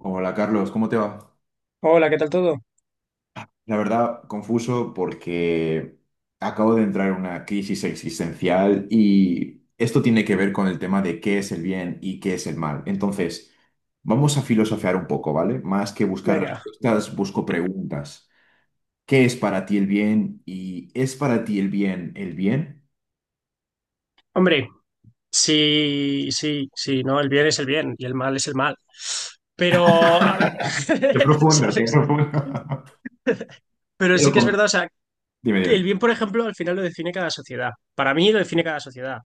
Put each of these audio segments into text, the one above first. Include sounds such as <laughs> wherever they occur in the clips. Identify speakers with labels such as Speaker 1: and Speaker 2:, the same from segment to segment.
Speaker 1: Hola Carlos, ¿cómo te va?
Speaker 2: Hola, ¿qué tal todo?
Speaker 1: La verdad, confuso porque acabo de entrar en una crisis existencial y esto tiene que ver con el tema de qué es el bien y qué es el mal. Entonces, vamos a filosofear un poco, ¿vale? Más que buscar
Speaker 2: Venga.
Speaker 1: respuestas, busco preguntas. ¿Qué es para ti el bien y es para ti el bien?
Speaker 2: Hombre, sí, sí, sí, ¿no? El bien es el bien y el mal es el mal. Pero, a ver,
Speaker 1: Qué
Speaker 2: <laughs>
Speaker 1: profundo, qué
Speaker 2: ¿sabes?
Speaker 1: profundo. <laughs>
Speaker 2: Pero
Speaker 1: Te lo
Speaker 2: sí que es
Speaker 1: com-
Speaker 2: verdad, o sea,
Speaker 1: Dime,
Speaker 2: que el
Speaker 1: dime.
Speaker 2: bien, por ejemplo, al final lo define cada sociedad. Para mí lo define cada sociedad.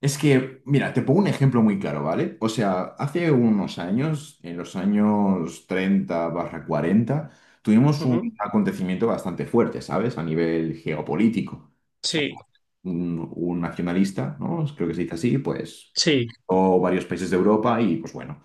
Speaker 1: Es que, mira, te pongo un ejemplo muy claro, ¿vale? O sea, hace unos años, en los años 30/40, tuvimos
Speaker 2: Ujú.
Speaker 1: un acontecimiento bastante fuerte, ¿sabes? A nivel geopolítico. O sea,
Speaker 2: Sí,
Speaker 1: un nacionalista, ¿no? Creo que se dice así, pues,
Speaker 2: sí,
Speaker 1: o varios países de Europa y, pues bueno,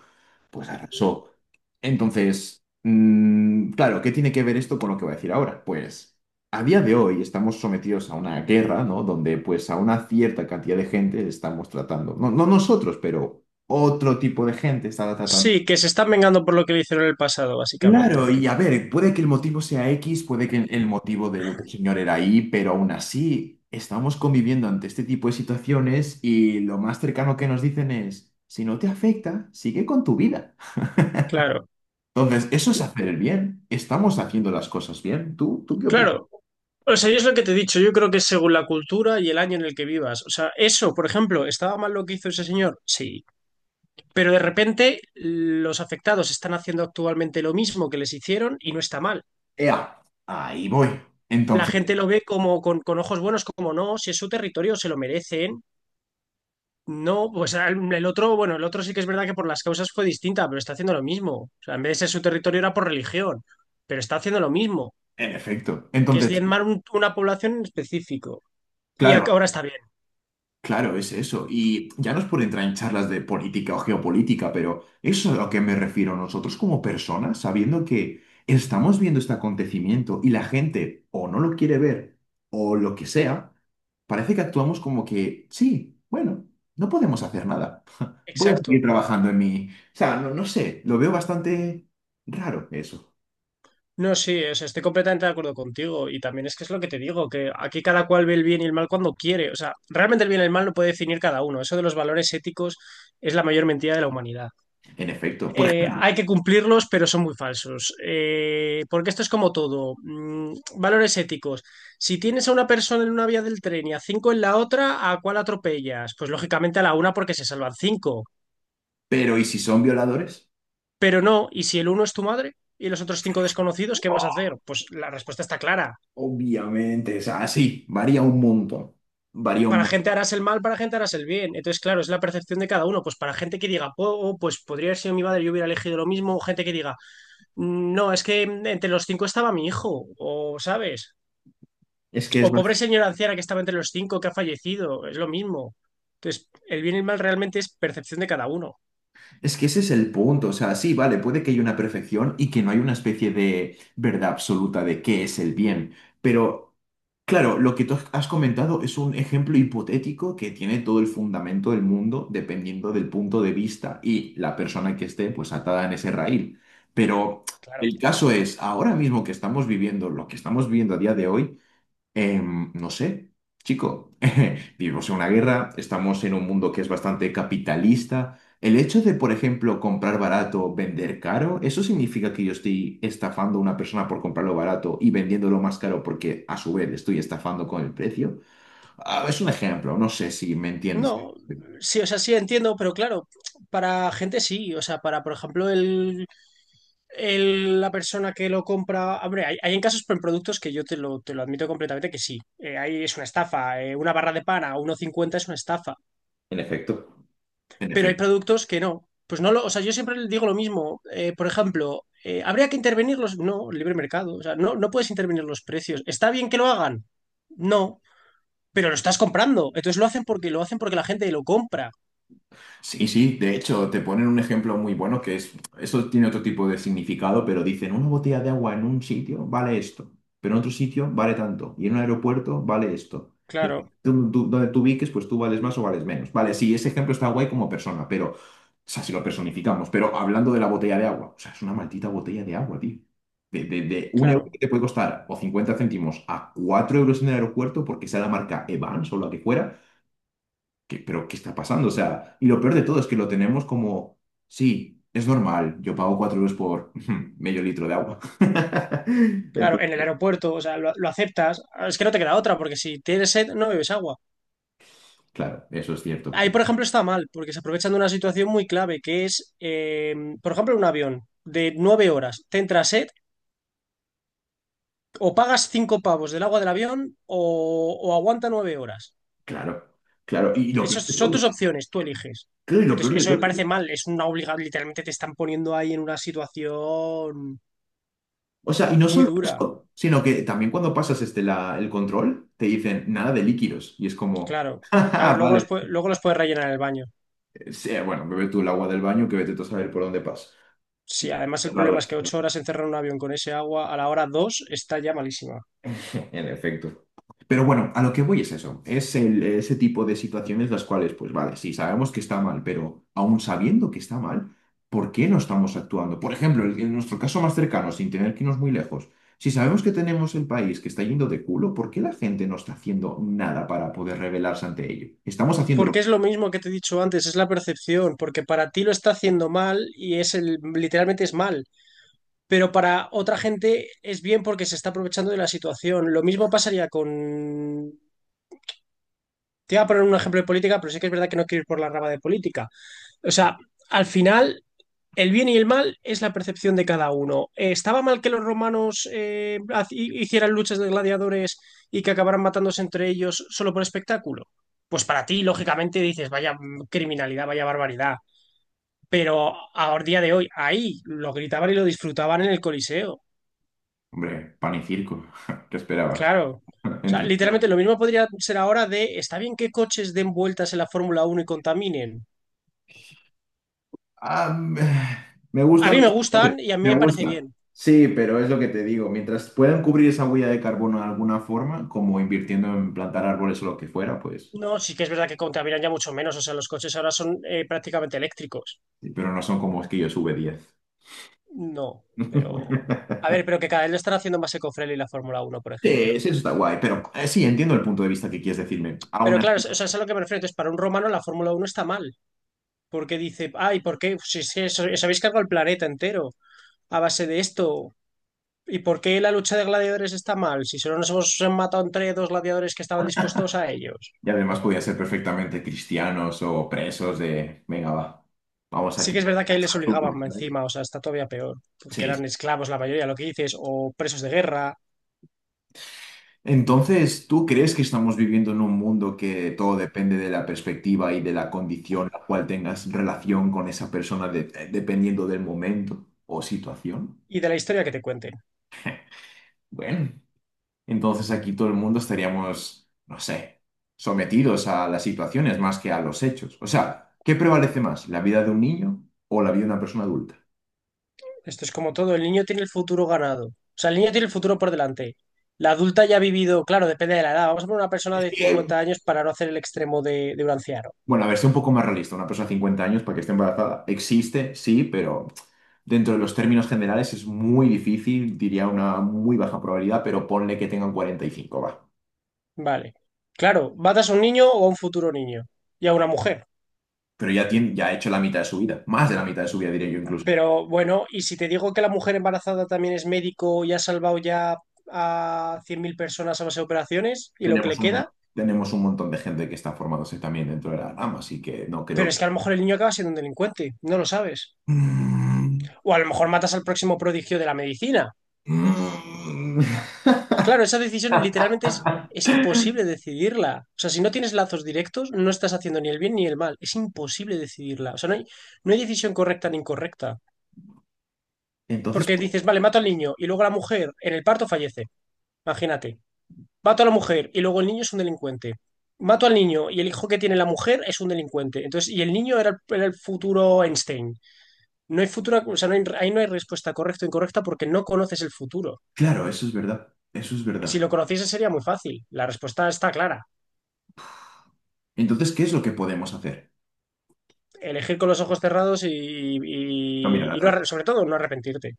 Speaker 1: pues arrasó. Entonces, claro, ¿qué tiene que ver esto con lo que voy a decir ahora? Pues a día de hoy estamos sometidos a una guerra, ¿no? Donde pues a una cierta cantidad de gente estamos tratando, no, no nosotros, pero otro tipo de gente está tratando.
Speaker 2: sí, que se están vengando por lo que le hicieron en el pasado, básicamente.
Speaker 1: Claro, y a ver, puede que el motivo sea X, puede que el motivo del otro señor era Y, pero aún así estamos conviviendo ante este tipo de situaciones y lo más cercano que nos dicen es, si no te afecta, sigue con tu vida.
Speaker 2: Claro,
Speaker 1: Entonces, eso es hacer el bien. ¿Estamos haciendo las cosas bien? ¿Tú qué opinas?
Speaker 2: claro. O sea, yo es lo que te he dicho, yo creo que es según la cultura y el año en el que vivas. O sea, eso, por ejemplo, ¿estaba mal lo que hizo ese señor? Sí. Pero de repente los afectados están haciendo actualmente lo mismo que les hicieron y no está mal.
Speaker 1: Ea, ahí voy.
Speaker 2: La
Speaker 1: Entonces,
Speaker 2: gente lo ve como con ojos buenos, como no, si es su territorio, se lo merecen. No, pues el otro, bueno, el otro sí que es verdad que por las causas fue distinta, pero está haciendo lo mismo. O sea, en vez de ser su territorio era por religión, pero está haciendo lo mismo,
Speaker 1: en efecto.
Speaker 2: que es
Speaker 1: Entonces,
Speaker 2: diezmar una población en específico. Y
Speaker 1: claro,
Speaker 2: ahora está bien,
Speaker 1: claro, es eso. Y ya no es por entrar en charlas de política o geopolítica, pero eso es a lo que me refiero nosotros como personas, sabiendo que estamos viendo este acontecimiento y la gente o no lo quiere ver o lo que sea, parece que actuamos como que, sí, bueno, no podemos hacer nada. <laughs> Voy a seguir
Speaker 2: exacto.
Speaker 1: trabajando en mi... O sea, no, no sé, lo veo bastante raro eso,
Speaker 2: No, sí, o sea, estoy completamente de acuerdo contigo. Y también es que es lo que te digo, que aquí cada cual ve el bien y el mal cuando quiere. O sea, realmente el bien y el mal lo puede definir cada uno. Eso de los valores éticos es la mayor mentira de la humanidad.
Speaker 1: en efecto. Por ejemplo,
Speaker 2: Hay que cumplirlos, pero son muy falsos. Porque esto es como todo. Valores éticos. Si tienes a una persona en una vía del tren y a cinco en la otra, ¿a cuál atropellas? Pues lógicamente a la una porque se salvan cinco.
Speaker 1: pero ¿y si son violadores?
Speaker 2: Pero no, ¿y si el uno es tu madre? ¿Y los otros cinco desconocidos, qué vas a hacer? Pues la respuesta está clara.
Speaker 1: Obviamente, o sea, sí, varía un montón. Varía un
Speaker 2: Para
Speaker 1: montón.
Speaker 2: gente harás el mal, para gente harás el bien. Entonces, claro, es la percepción de cada uno. Pues para gente que diga, oh, oh, pues podría haber sido mi madre, yo hubiera elegido lo mismo. O gente que diga, no, es que entre los cinco estaba mi hijo, o sabes.
Speaker 1: Es que,
Speaker 2: O
Speaker 1: es, bast-
Speaker 2: pobre señora anciana que estaba entre los cinco que ha fallecido, es lo mismo. Entonces, el bien y el mal realmente es percepción de cada uno,
Speaker 1: es que ese es el punto. O sea, sí, vale, puede que haya una perfección y que no hay una especie de verdad absoluta de qué es el bien. Pero, claro, lo que tú has comentado es un ejemplo hipotético que tiene todo el fundamento del mundo dependiendo del punto de vista y la persona que esté pues atada en ese raíl. Pero
Speaker 2: claro.
Speaker 1: el caso es, ahora mismo que estamos viviendo lo que estamos viviendo a día de hoy, no sé, chico, <laughs> vivimos en una guerra, estamos en un mundo que es bastante capitalista. El hecho de, por ejemplo, comprar barato, vender caro, ¿eso significa que yo estoy estafando a una persona por comprarlo barato y vendiéndolo más caro porque a su vez le estoy estafando con el precio? Ah, es un ejemplo, no sé si me entiendes.
Speaker 2: No, sí, o sea, sí entiendo, pero claro, para gente sí. O sea, para, por ejemplo, la persona que lo compra. Hombre, hay en casos con productos que yo te lo admito completamente que sí. Ahí es una estafa. Una barra de pan a 1,50 es una estafa.
Speaker 1: En efecto. En
Speaker 2: Pero hay
Speaker 1: efecto.
Speaker 2: productos que no. Pues no lo. O sea, yo siempre le digo lo mismo. Por ejemplo, habría que intervenir los. No, libre mercado. O sea, no, no puedes intervenir los precios. ¿Está bien que lo hagan? No. Pero lo estás comprando. Entonces lo hacen porque la gente lo compra.
Speaker 1: Sí, sí, de hecho, te ponen un ejemplo muy bueno que es, eso tiene otro tipo de significado, pero dicen, una botella de agua en un sitio vale esto, pero en otro sitio vale tanto, y en un aeropuerto vale esto. Depende
Speaker 2: Claro,
Speaker 1: tú- tú- donde tú ubiques, pues tú vales más o vales menos. Vale, sí, ese ejemplo está guay como persona, pero, o sea, si lo personificamos, pero hablando de la botella de agua, o sea, es una maldita botella de agua, tío. De un euro que
Speaker 2: claro.
Speaker 1: te puede costar o 50 céntimos a 4 euros en el aeropuerto porque sea la marca Evans o la que fuera. ¿Qué, pero qué está pasando? O sea, y lo peor de todo es que lo tenemos como, sí, es normal, yo pago 4 euros por <laughs> medio litro de agua. <laughs>
Speaker 2: Claro, en el
Speaker 1: Entonces,
Speaker 2: aeropuerto, o sea, lo aceptas. Es que no te queda otra, porque si tienes sed, no bebes agua.
Speaker 1: claro, eso es cierto.
Speaker 2: Ahí, por ejemplo, está mal, porque se aprovechan de una situación muy clave, que es, por ejemplo, un avión de 9 horas. Te entra sed, o pagas 5 pavos del agua del avión, o, o aguanta 9 horas.
Speaker 1: Claro, claro. Y lo peor
Speaker 2: Esas
Speaker 1: de
Speaker 2: son
Speaker 1: todo,
Speaker 2: tus opciones, tú eliges.
Speaker 1: claro, y lo peor
Speaker 2: Entonces,
Speaker 1: de
Speaker 2: eso
Speaker 1: todo
Speaker 2: me
Speaker 1: es
Speaker 2: parece
Speaker 1: que-
Speaker 2: mal, es una obligación, literalmente te están poniendo ahí en una situación
Speaker 1: o sea, y no
Speaker 2: muy
Speaker 1: solo
Speaker 2: dura.
Speaker 1: eso, sino que también cuando pasas este, la, el control, te dicen nada de líquidos. Y es como,
Speaker 2: Claro.
Speaker 1: <laughs> "Ja,
Speaker 2: A
Speaker 1: ja,
Speaker 2: ver,
Speaker 1: vale,
Speaker 2: luego los puedes rellenar en el baño.
Speaker 1: sí, bueno, bebe tú el agua del baño que vete tú a saber por dónde pasa.
Speaker 2: Sí, además el problema es que 8 horas encerrar un avión con ese agua a la hora dos está ya malísima.
Speaker 1: En efecto. Pero bueno, a lo que voy es eso, es el- ese tipo de situaciones las cuales, pues vale, sí, sabemos que está mal, pero aún sabiendo que está mal, ¿por qué no estamos actuando? Por ejemplo, el- en nuestro caso más cercano, sin tener que irnos muy lejos, si sabemos que tenemos el país que está yendo de culo, ¿por qué la gente no está haciendo nada para poder rebelarse ante ello? Estamos haciéndolo.
Speaker 2: Porque es lo mismo que te he dicho antes, es la percepción, porque para ti lo está haciendo mal y es el, literalmente es mal, pero para otra gente es bien porque se está aprovechando de la situación. Lo mismo pasaría con... Te iba a poner un ejemplo de política, pero sí que es verdad que no quiero ir por la rama de política. O sea, al final el bien y el mal es la percepción de cada uno. ¿Estaba mal que los romanos hicieran luchas de gladiadores y que acabaran matándose entre ellos solo por espectáculo? Pues para ti, lógicamente, dices, vaya criminalidad, vaya barbaridad. Pero a día de hoy, ahí lo gritaban y lo disfrutaban en el Coliseo.
Speaker 1: Hombre, pan y circo, <laughs> ¿qué esperabas?
Speaker 2: Claro.
Speaker 1: <laughs>
Speaker 2: O sea,
Speaker 1: Entre
Speaker 2: literalmente lo mismo podría ser ahora de, está bien que coches den vueltas en la Fórmula Uno y contaminen.
Speaker 1: Ah, me
Speaker 2: A
Speaker 1: gustan
Speaker 2: mí me
Speaker 1: los
Speaker 2: gustan
Speaker 1: cohetes,
Speaker 2: y a mí me
Speaker 1: me
Speaker 2: parece
Speaker 1: gusta.
Speaker 2: bien.
Speaker 1: Sí, pero es lo que te digo, mientras puedan cubrir esa huella de carbono de alguna forma, como invirtiendo en plantar árboles o lo que fuera, pues,
Speaker 2: No, sí que es verdad que contaminan ya mucho menos. O sea, los coches ahora son prácticamente eléctricos.
Speaker 1: sí, pero no son como esquillos V10.
Speaker 2: No, pero. A
Speaker 1: <laughs>
Speaker 2: ver, pero que cada vez lo están haciendo más ecofriendly la Fórmula Uno por
Speaker 1: Sí,
Speaker 2: ejemplo.
Speaker 1: sí, eso está guay, pero sí, entiendo el punto de vista que quieres decirme. Aún
Speaker 2: Pero claro, o
Speaker 1: así,
Speaker 2: sea, eso es a lo que me refiero. Entonces, para un romano la Fórmula Uno está mal. Porque dice, ay, ¿por qué? Si es que os habéis cargado el planeta entero a base de esto. ¿Y por qué la lucha de gladiadores está mal? Si solo nos hemos matado entre dos gladiadores que estaban dispuestos a ellos.
Speaker 1: y además podía ser perfectamente cristianos o presos de, venga, va, vamos
Speaker 2: Sí
Speaker 1: aquí.
Speaker 2: que es verdad que ahí les obligaban
Speaker 1: ¿Sabes?
Speaker 2: encima, o sea, está todavía peor. Porque
Speaker 1: Sí,
Speaker 2: eran
Speaker 1: sí.
Speaker 2: esclavos la mayoría, lo que dices, o presos de guerra
Speaker 1: Entonces, ¿tú crees que estamos viviendo en un mundo que todo depende de la perspectiva y de la condición la cual tengas relación con esa persona de- dependiendo del momento o situación?
Speaker 2: y de la historia que te cuenten.
Speaker 1: Bueno, entonces aquí todo el mundo estaríamos, no sé, sometidos a las situaciones más que a los hechos. O sea, ¿qué prevalece más, la vida de un niño o la vida de una persona adulta?
Speaker 2: Esto es como todo, el niño tiene el futuro ganado. O sea, el niño tiene el futuro por delante. La adulta ya ha vivido, claro, depende de la edad. Vamos a poner una persona de 50 años para no hacer el extremo de un anciano.
Speaker 1: Bueno, a ver, sea un poco más realista. Una persona de 50 años para que esté embarazada existe, sí, pero dentro de los términos generales es muy difícil, diría una muy baja probabilidad, pero ponle que tengan 45, va.
Speaker 2: Vale. Claro, matas a un niño o a un futuro niño y a una mujer.
Speaker 1: Pero ya, tiene, ya ha hecho la mitad de su vida, más de la mitad de su vida, diría yo incluso.
Speaker 2: Pero bueno, y si te digo que la mujer embarazada también es médico y ha salvado ya a 100.000 personas a base de operaciones y lo que
Speaker 1: Tenemos
Speaker 2: le
Speaker 1: un,
Speaker 2: queda,
Speaker 1: tenemos un montón de gente que está formándose también dentro de la rama, así que no
Speaker 2: pero es
Speaker 1: creo...
Speaker 2: que a lo mejor el niño acaba siendo un delincuente, no lo sabes.
Speaker 1: <laughs>
Speaker 2: O a lo mejor matas al próximo prodigio de la medicina.
Speaker 1: Mm, mm.
Speaker 2: Claro, esa decisión literalmente es imposible decidirla. O sea, si no tienes lazos directos, no estás haciendo ni el bien ni el mal. Es imposible decidirla. O sea, no hay decisión correcta ni incorrecta.
Speaker 1: Entonces,
Speaker 2: Porque dices, vale, mato al niño y luego la mujer en el parto fallece. Imagínate. Mato a la mujer y luego el niño es un delincuente. Mato al niño y el hijo que tiene la mujer es un delincuente. Entonces, y el niño era el futuro Einstein. No hay futuro, o sea, ahí no hay respuesta correcta o incorrecta porque no conoces el futuro.
Speaker 1: claro, eso es verdad, eso es
Speaker 2: Si
Speaker 1: verdad.
Speaker 2: lo conociese sería muy fácil. La respuesta está clara.
Speaker 1: Entonces, ¿qué es lo que podemos hacer?
Speaker 2: Elegir con los ojos cerrados y,
Speaker 1: No mirar
Speaker 2: y
Speaker 1: atrás.
Speaker 2: sobre todo no arrepentirte.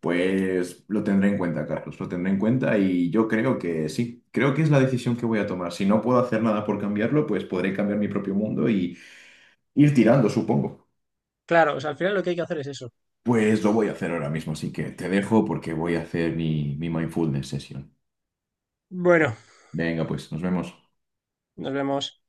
Speaker 1: Pues lo tendré en cuenta, Carlos, lo tendré en cuenta y yo creo que sí, creo que es la decisión que voy a tomar. Si no puedo hacer nada por cambiarlo, pues podré cambiar mi propio mundo y ir tirando, supongo.
Speaker 2: Claro, o sea, al final lo que hay que hacer es eso.
Speaker 1: Pues lo voy a hacer ahora mismo, así que te dejo porque voy a hacer mi mindfulness sesión.
Speaker 2: Bueno,
Speaker 1: Venga, pues nos vemos.
Speaker 2: nos vemos.